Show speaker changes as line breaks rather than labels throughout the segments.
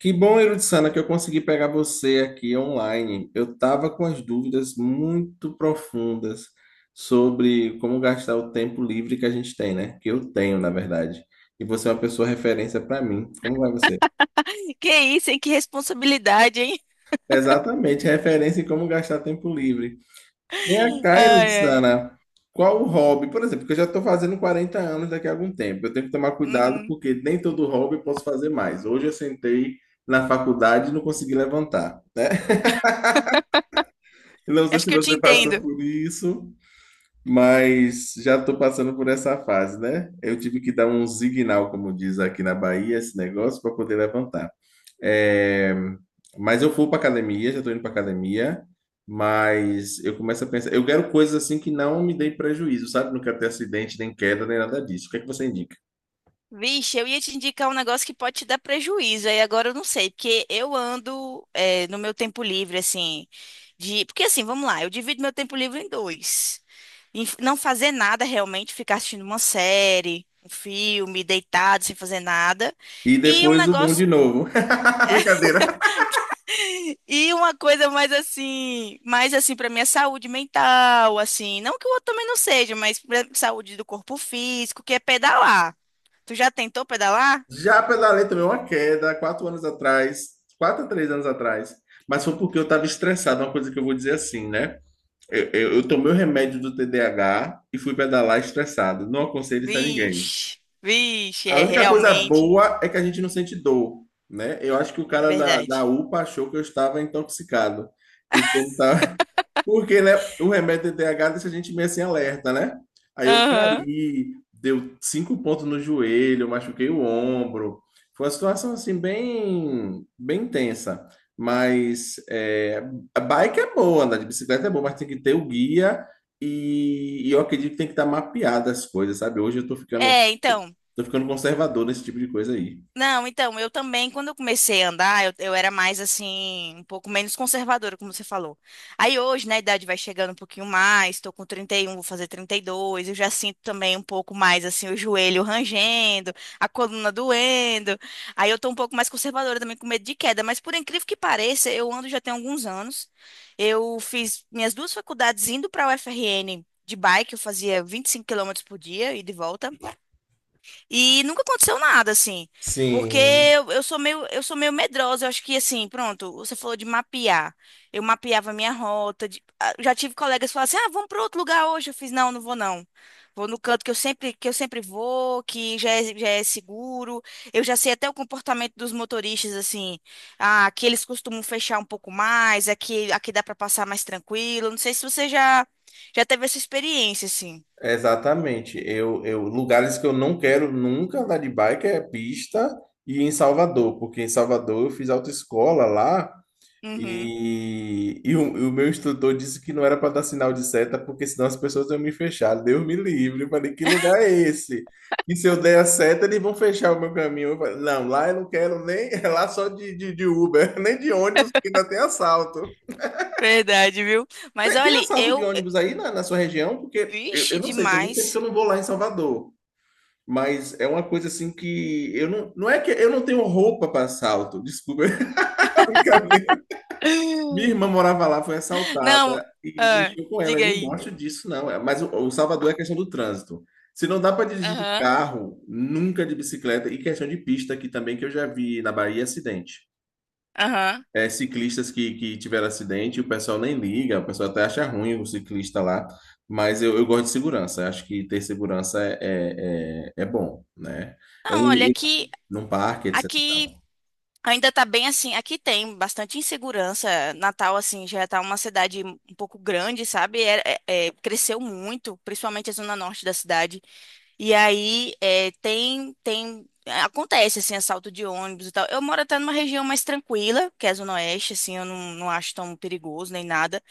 Que bom, Irutsana, que eu consegui pegar você aqui online. Eu estava com as dúvidas muito profundas sobre como gastar o tempo livre que a gente tem, né? Que eu tenho, na verdade. E você é uma pessoa referência para mim. Como vai você?
Que isso, hein? Que responsabilidade, hein?
Exatamente, referência em como gastar tempo livre. Vem
Ai,
cá,
ai.
Irutsana, qual o hobby? Por exemplo, que eu já estou fazendo 40 anos daqui a algum tempo. Eu tenho que tomar cuidado
Uhum.
porque nem todo hobby eu posso fazer mais. Hoje eu sentei na faculdade e não consegui levantar. Não sei
Acho
se
que eu te
você passou
entendo.
por isso, mas já estou passando por essa fase, né? Eu tive que dar um signal, como diz aqui na Bahia, esse negócio, para poder levantar. É, mas eu fui para academia, já estou indo para academia, mas eu começo a pensar, eu quero coisas assim que não me deem prejuízo, sabe? Não quero ter acidente, nem queda, nem nada disso. O que é que você indica?
Vixe, eu ia te indicar um negócio que pode te dar prejuízo, aí agora eu não sei, porque eu ando é, no meu tempo livre, assim, Porque assim, vamos lá, eu divido meu tempo livre em dois. Em não fazer nada realmente, ficar assistindo uma série, um filme, deitado, sem fazer nada.
E
E um
depois o um
negócio,
de novo. Brincadeira.
E uma coisa mais assim para minha saúde mental, assim, não que o outro também não seja, mas pra saúde do corpo físico, que é pedalar. Tu já tentou pedalar?
Já pela lei também uma queda, 4 anos atrás, 4 a 3 anos atrás. Mas foi porque eu estava estressado, uma coisa que eu vou dizer assim, né? Eu tomei o remédio do TDAH e fui pedalar estressado. Não aconselho isso a ninguém.
Vixe, vixe,
A
é
única coisa
realmente,
boa é que a gente não sente dor, né? Eu acho que o
é
cara da
verdade.
UPA achou que eu estava intoxicado, porque ele estava porque, né, o remédio TDAH deixa a gente meio assim alerta, né? Aí eu
Aham.
caí, deu 5 pontos no joelho, eu machuquei o ombro. Foi uma situação assim bem, bem tensa. Mas é, a bike é boa, andar de bicicleta é boa, mas tem que ter o guia e eu acredito que tem que estar mapeada as coisas, sabe? Hoje eu tô ficando,
É, então.
tô ficando conservador nesse tipo de coisa aí.
Não, então, eu também, quando eu comecei a andar, eu era mais assim, um pouco menos conservadora, como você falou. Aí hoje, né, a idade vai chegando um pouquinho mais, tô com 31, vou fazer 32. Eu já sinto também um pouco mais assim o joelho rangendo, a coluna doendo. Aí eu tô um pouco mais conservadora também com medo de queda, mas por incrível que pareça, eu ando já tem alguns anos. Eu fiz minhas duas faculdades indo para a UFRN de bike, eu fazia 25 km por dia e de volta. E nunca aconteceu nada, assim. Porque
Sim.
eu sou meio medrosa. Eu acho que, assim, pronto, você falou de mapear. Eu mapeava a minha rota. Já tive colegas que falaram assim: ah, vamos para outro lugar hoje. Eu fiz: não, não vou, não. Vou no canto que eu sempre vou, que já é seguro. Eu já sei até o comportamento dos motoristas, assim. Ah, aqui eles costumam fechar um pouco mais, aqui, aqui dá para passar mais tranquilo. Não sei se você já teve essa experiência, assim.
Exatamente. Lugares que eu não quero nunca andar de bike é pista e em Salvador, porque em Salvador eu fiz autoescola lá
Uhum.
e, e o meu instrutor disse que não era para dar sinal de seta, porque senão as pessoas iam me fechar. Deus me livre. Eu falei, que lugar é esse? E se eu der a seta, eles vão fechar o meu caminho. Eu falei, não, lá eu não quero nem, é lá só de Uber, nem de ônibus, porque ainda tem assalto.
Verdade, viu? Mas
Tem, tem
olha,
assalto de
eu
ônibus aí na sua região? Porque eu
vixe,
não sei, tem muito tempo que
demais.
eu não vou lá em Salvador. Mas é uma coisa assim que eu não é que eu não tenho roupa para assalto, desculpa. Brincadeira. Minha irmã morava lá, foi assaltada
Não,
e
ah,
mexeu com ela. Eu
diga
não
aí.
gosto disso, não. É, mas o Salvador é questão do trânsito. Se não dá para dirigir de
Aham,
carro, nunca de bicicleta e questão de pista aqui também que eu já vi na Bahia acidente.
aham.
É, ciclistas que tiveram acidente, o pessoal nem liga, o pessoal até acha ruim o ciclista lá. Mas eu gosto de segurança. Eu Acho que ter segurança é bom, né? É um,
Não, olha, aqui,
num parque, etc. e
aqui
tal.
ainda tá bem assim. Aqui tem bastante insegurança. Natal, assim, já tá uma cidade um pouco grande, sabe? Cresceu muito, principalmente a zona norte da cidade. E aí é, tem. Acontece, assim, assalto de ônibus e tal. Eu moro até numa região mais tranquila, que é a Zona Oeste, assim, eu não acho tão perigoso nem nada.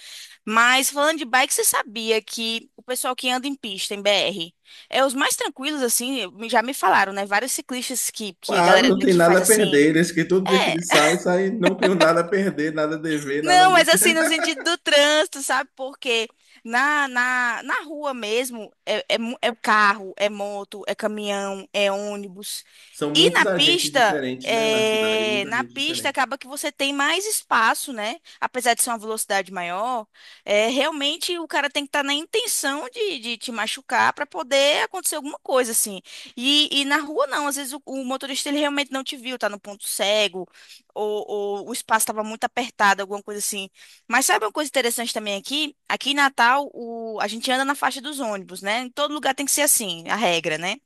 Mas falando de bike, você sabia que o pessoal que anda em pista, em BR, é os mais tranquilos, assim, já me falaram, né? Vários ciclistas que a
Claro,
galera
não tem
que
nada a
faz assim.
perder. Eles que todo dia que
É,
eles saem, saem, não tem nada a perder, nada a dever, nada.
não, mas assim, no sentido do trânsito, sabe? Porque na, na rua mesmo é carro, é moto, é caminhão, é ônibus.
São
E
muitos
na
agentes
pista,
diferentes, né, na cidade, muita
na
gente
pista
diferente.
acaba que você tem mais espaço, né? Apesar de ser uma velocidade maior, realmente o cara tem que estar na intenção de, te machucar para poder acontecer alguma coisa, assim. E na rua não, às vezes o motorista ele realmente não te viu, tá no ponto cego ou, ou o espaço estava muito apertado, alguma coisa assim. Mas sabe uma coisa interessante também aqui? Aqui em Natal, a gente anda na faixa dos ônibus, né? Em todo lugar tem que ser assim, a regra, né?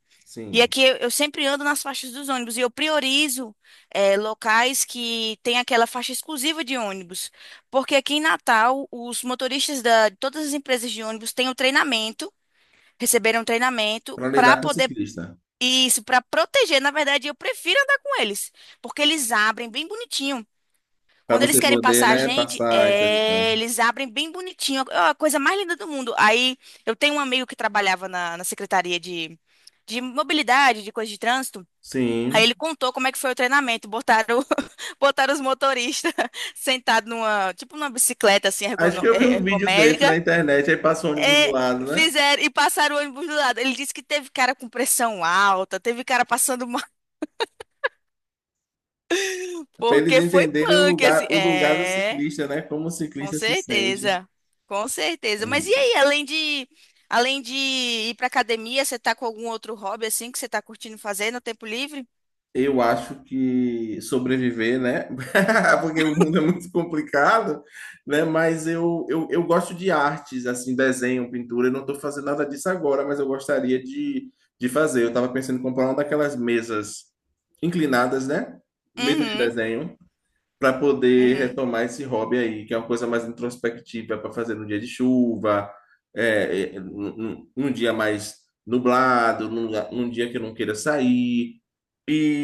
E
Sim,
aqui eu sempre ando nas faixas dos ônibus e eu priorizo locais que tem aquela faixa exclusiva de ônibus. Porque aqui em Natal, os motoristas de todas as empresas de ônibus têm um treinamento, receberam um treinamento
para
para
lidar com o
poder.
ciclista,
Isso, para proteger, na verdade, eu prefiro andar com eles, porque eles abrem bem bonitinho.
para
Quando eles
você
querem
poder,
passar a
né,
gente,
passar, etc. e tal.
eles abrem bem bonitinho, é a coisa mais linda do mundo. Aí eu tenho um amigo que trabalhava na Secretaria de Mobilidade, de coisa de trânsito. Aí
Sim.
ele contou como é que foi o treinamento. Botaram, botaram os motoristas sentados numa, tipo numa bicicleta assim,
Acho que eu vi um vídeo desse na
ergométrica.
internet, aí passa o ônibus do
É,
lado, né?
fizeram e passaram o ônibus do lado. Ele disse que teve cara com pressão alta, teve cara passando mal,
Para eles
porque foi
entenderem
punk, assim.
o lugar do
É.
ciclista, né? Como o
Com
ciclista se sente.
certeza, com certeza. Mas e aí, além de ir pra academia, você tá com algum outro hobby assim que você tá curtindo fazer no tempo livre?
Eu acho que sobreviver, né? Porque o mundo é muito complicado, né? Mas eu gosto de artes, assim, desenho, pintura. Eu não estou fazendo nada disso agora, mas eu gostaria de fazer. Eu estava pensando em comprar uma daquelas mesas inclinadas, né? Mesa de
Uhum,
desenho para poder
uhum,
retomar esse hobby aí, que é uma coisa mais introspectiva para fazer no dia de chuva, num dia mais nublado, num dia que eu não queira sair.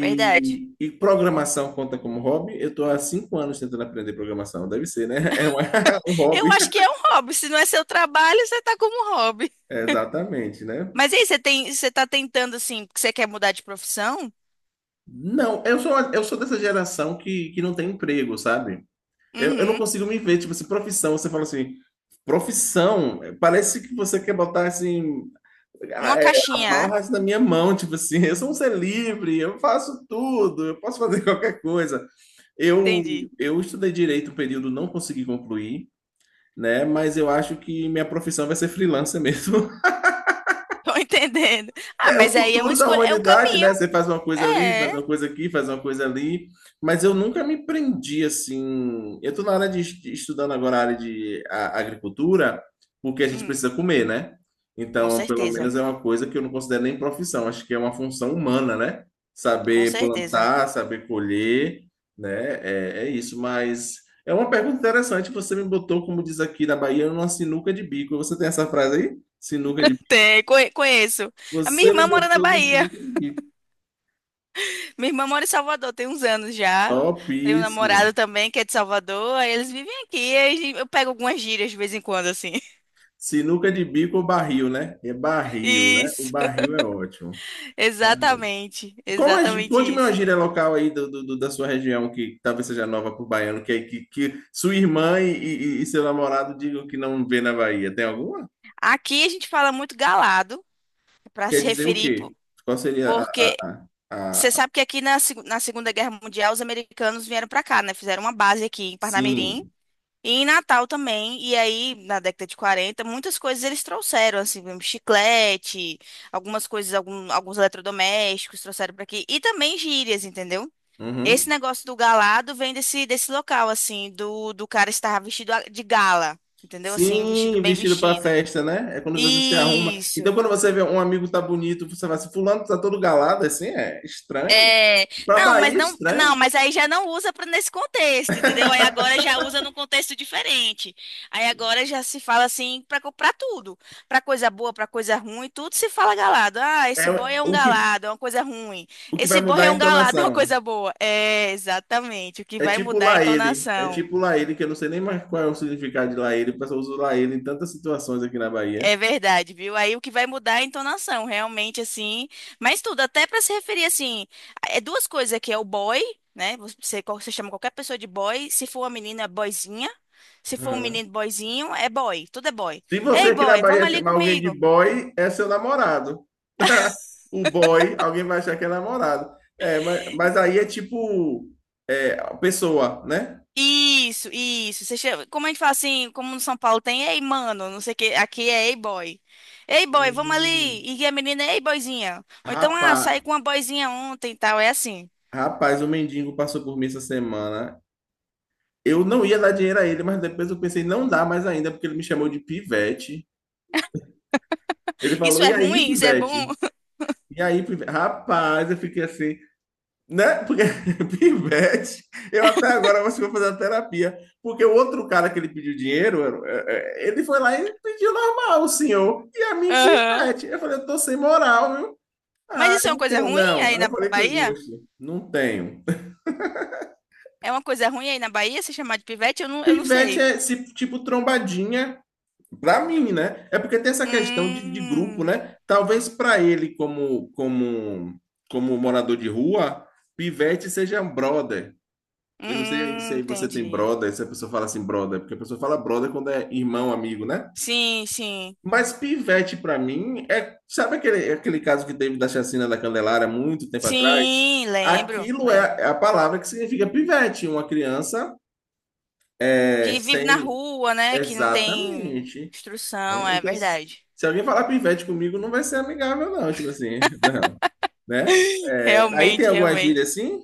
verdade.
E programação conta como hobby? Eu estou há 5 anos tentando aprender programação, deve ser, né? É uma- um
Eu
hobby.
acho que é um hobby. Se não é seu trabalho, você tá como um hobby.
Exatamente, né?
Mas e aí, você tá tentando assim, porque você quer mudar de profissão?
Não, eu sou dessa geração que não tem emprego, sabe? Eu não
Uhum.
consigo me ver, tipo assim, profissão, você fala assim, profissão, parece que você quer botar assim,
Numa caixinha, né?
amarras na minha mão, tipo assim, eu sou um ser livre, eu faço tudo, eu posso fazer qualquer coisa. Eu,
Entendi.
eu estudei direito um período, não consegui concluir, né? Mas eu acho que minha profissão vai ser freelancer mesmo.
Tô entendendo. Ah,
É o
mas aí é uma
futuro da
escolha, é um
humanidade,
caminho.
né? Você faz uma coisa ali, faz
É.
uma coisa aqui, faz uma coisa ali. Mas eu nunca me prendi assim. Eu estou na área estudando agora a área de agricultura, porque a gente
Hum,
precisa comer, né?
com
Então, pelo
certeza,
menos é uma coisa que eu não considero nem profissão, acho que é uma função humana, né?
com
Saber
certeza.
plantar, saber colher, né? É isso, mas é uma pergunta interessante. Você me botou, como diz aqui na Bahia, numa sinuca de bico. Você tem essa frase aí? Sinuca de
Tem, conheço. A minha
você me
irmã mora na
botou no
Bahia.
sinuca de bico.
Minha irmã mora em Salvador, tem uns anos já. Tem um
Topíssimo.
namorado também que é de Salvador. Aí eles vivem aqui. Aí eu pego algumas gírias de vez em quando, assim.
Sinuca de bico ou barril, né? É barril, né? O
Isso,
barril é ótimo. Ah,
exatamente.
qual é,
Exatamente
conte-me uma
isso.
gíria local aí da sua região que talvez seja nova para o baiano, que, é, que sua irmã e, e seu namorado digam que não vê na Bahia. Tem alguma?
Aqui a gente fala muito galado para
Quer
se
dizer o
referir,
quê? Qual seria a...
porque
a,
você
a, a...
sabe que aqui na Segunda Guerra Mundial os americanos vieram para cá, né? Fizeram uma base aqui em Parnamirim.
Sim.
E em Natal também, e aí na década de 40 muitas coisas eles trouxeram, assim, mesmo chiclete, algumas coisas, alguns eletrodomésticos trouxeram para aqui, e também gírias, entendeu? Esse
Uhum.
negócio do galado vem desse local, assim, do cara estar vestido de gala, entendeu? Assim, vestido
Sim,
bem
vestido para
vestido.
festa, né? É quando você se arruma. Então,
Isso.
quando você vê um amigo tá bonito, você vai assim, fulano tá todo galado, assim, é estranho.
É,
Pra
não, mas
Bahia, é
não, não,
estranho.
mas aí já não usa pra nesse contexto, entendeu? Aí agora já usa num contexto diferente. Aí agora já se fala assim pra comprar tudo, pra coisa boa, pra coisa ruim, tudo se fala galado. Ah,
É
esse boy é um galado, é uma coisa ruim.
o que
Esse
vai
boy
mudar é
é
a
um galado, é uma
entonação.
coisa boa. É, exatamente, o que
É
vai
tipo
mudar é a
lá ele. É
entonação.
tipo lá ele, que eu não sei nem mais qual é o significado de lá ele. O pessoal usa lá ele em tantas situações aqui na Bahia.
É verdade, viu? Aí o que vai mudar é a entonação, realmente, assim. Mas tudo, até para se referir, assim, é duas coisas aqui, é o boy, né? Você chama qualquer pessoa de boy, se for uma menina, é boyzinha. Se for um menino, boyzinho, é boy, tudo é boy.
Se você
Ei,
aqui na
boy, vamos
Bahia
ali
chamar alguém de
comigo.
boy, é seu namorado. O boy, alguém vai achar que é namorado. É, mas aí é tipo é, a pessoa, né?
Isso, isso. Você chama- como a gente fala assim, como no São Paulo tem, ei, mano, não sei o que, aqui é ei, boy. Ei, boy, vamos
Hum.
ali. E a menina, ei, boyzinha. Ou então, ah,
Rapaz,
saí com uma boyzinha ontem e tal, é assim.
rapaz, o mendigo passou por mim essa semana. Eu não ia dar dinheiro a ele, mas depois eu pensei, não dá mais ainda, porque ele me chamou de pivete. Ele
Isso
falou,
é
e aí,
ruim? Isso é bom?
pivete? E aí, pivete? Rapaz, eu fiquei assim, né? Porque pivete, eu até agora acho que vou fazer a terapia. Porque o outro cara que ele pediu dinheiro, ele foi lá e pediu normal, o senhor. E a mim,
Aham.
pivete. Eu falei, eu tô sem moral, viu?
Mas
Ah,
isso é
eu
uma
não
coisa
tenho,
ruim
não.
aí
Aí eu
na
falei com
Bahia?
gosto, não tenho.
É uma coisa ruim aí na Bahia se chamar de pivete? Eu não
Pivete
sei.
é esse tipo trombadinha, pra mim, né? É porque tem essa questão de grupo,
Hum,
né? Talvez pra ele, como morador de rua, pivete seja um brother. Eu não sei aí se aí você tem
entendi.
brother, se a pessoa fala assim, brother, porque a pessoa fala brother quando é irmão, amigo, né?
Sim, sim.
Mas pivete, pra mim, é. Sabe aquele caso que teve da chacina da Candelária muito tempo atrás?
Sim, lembro,
Aquilo
lembro.
é a palavra que significa pivete, uma criança é,
Que vive na
sem.
rua, né? Que não tem
Exatamente. Né?
instrução, é
Então, se
verdade.
se alguém falar pivete comigo, não vai ser amigável, não, tipo assim, não. Né? É, aí tem
Realmente,
alguma gíria
realmente.
assim?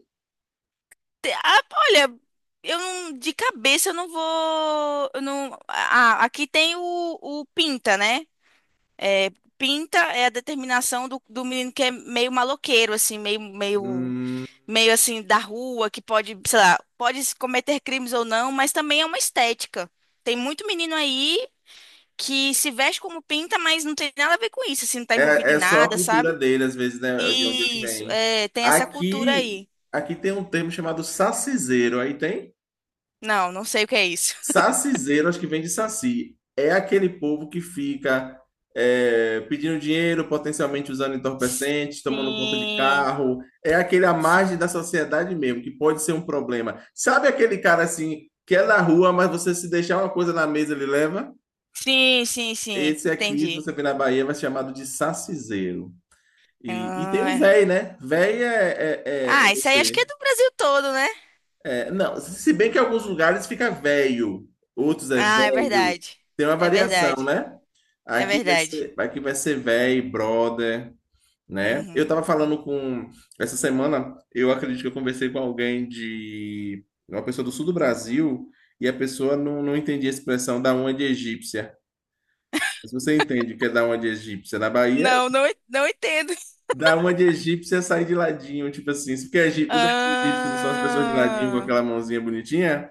Ah, olha, eu não, de cabeça eu não vou. Eu não, ah, aqui tem o Pinta, né? É, Pinta é a determinação do menino que é meio maloqueiro, assim, meio, meio,
Hum.
meio assim, da rua, que pode, sei lá, pode cometer crimes ou não, mas também é uma estética. Tem muito menino aí que se veste como pinta, mas não tem nada a ver com isso, assim, não tá envolvido
É,
em
é só a
nada,
cultura
sabe?
dele, às vezes, né, de onde ele
Isso,
vem.
é, tem essa cultura
Aqui,
aí.
aqui tem um termo chamado saciseiro. Aí tem?
Não, não sei o que é isso.
Saciseiro, acho que vem de saci. É aquele povo que fica é, pedindo dinheiro, potencialmente usando entorpecentes, tomando conta de
Sim,
carro. É aquele à
sim.
margem da sociedade mesmo, que pode ser um problema. Sabe aquele cara assim, que é na rua, mas você se deixar uma coisa na mesa, ele leva?
Sim, sim, sim.
Esse aqui, se
Entendi.
você vir na Bahia, vai ser chamado de saciseiro. E tem
Ah,
o
é.
véi, né? Véi é
Ah, isso aí acho que
você.
é do Brasil todo, né?
É, não, se bem que em alguns lugares fica velho, outros é
Ah, é
velho.
verdade.
Tem uma
É
variação,
verdade.
né?
É
Aqui vai
verdade.
ser, aqui vai ser véi, brother, né? Eu
Uhum.
tava falando com. Essa semana, eu acredito que eu conversei com alguém de. Uma pessoa do sul do Brasil, e a pessoa não entendia a expressão da uma de egípcia. Mas você entende o que é da uma de egípcia? Na Bahia
Não, não, não entendo.
dar uma de egípcia e sair de ladinho, tipo assim. Se porque egí- os egípcios não são as pessoas de ladinho com
Ah,
aquela mãozinha bonitinha?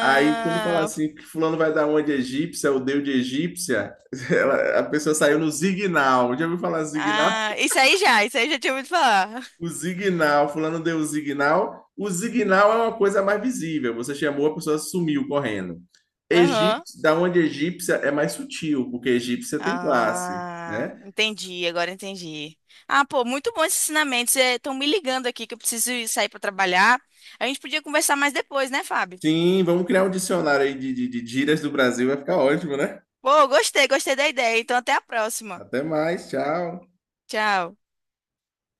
Aí, quando fala assim, que fulano vai dar uma de egípcia, ou deu de egípcia, ela- a pessoa saiu no zignal. Já ouviu falar zignal?
ah, isso aí já tinha ouvido falar.
O zignal, fulano deu o zignal. O zignal é uma coisa mais visível. Você chamou, a pessoa sumiu correndo.
Aham.
Egípcio, da onde egípcia é mais sutil, porque egípcia tem classe,
Ah,
né?
entendi, agora entendi. Ah, pô, muito bom esses ensinamentos. Estão me ligando aqui que eu preciso ir sair para trabalhar. A gente podia conversar mais depois, né, Fábio?
Sim, vamos criar um dicionário aí de gírias do Brasil, vai ficar ótimo, né?
Pô, gostei, gostei da ideia. Então, até a próxima.
Até mais, tchau.
Tchau.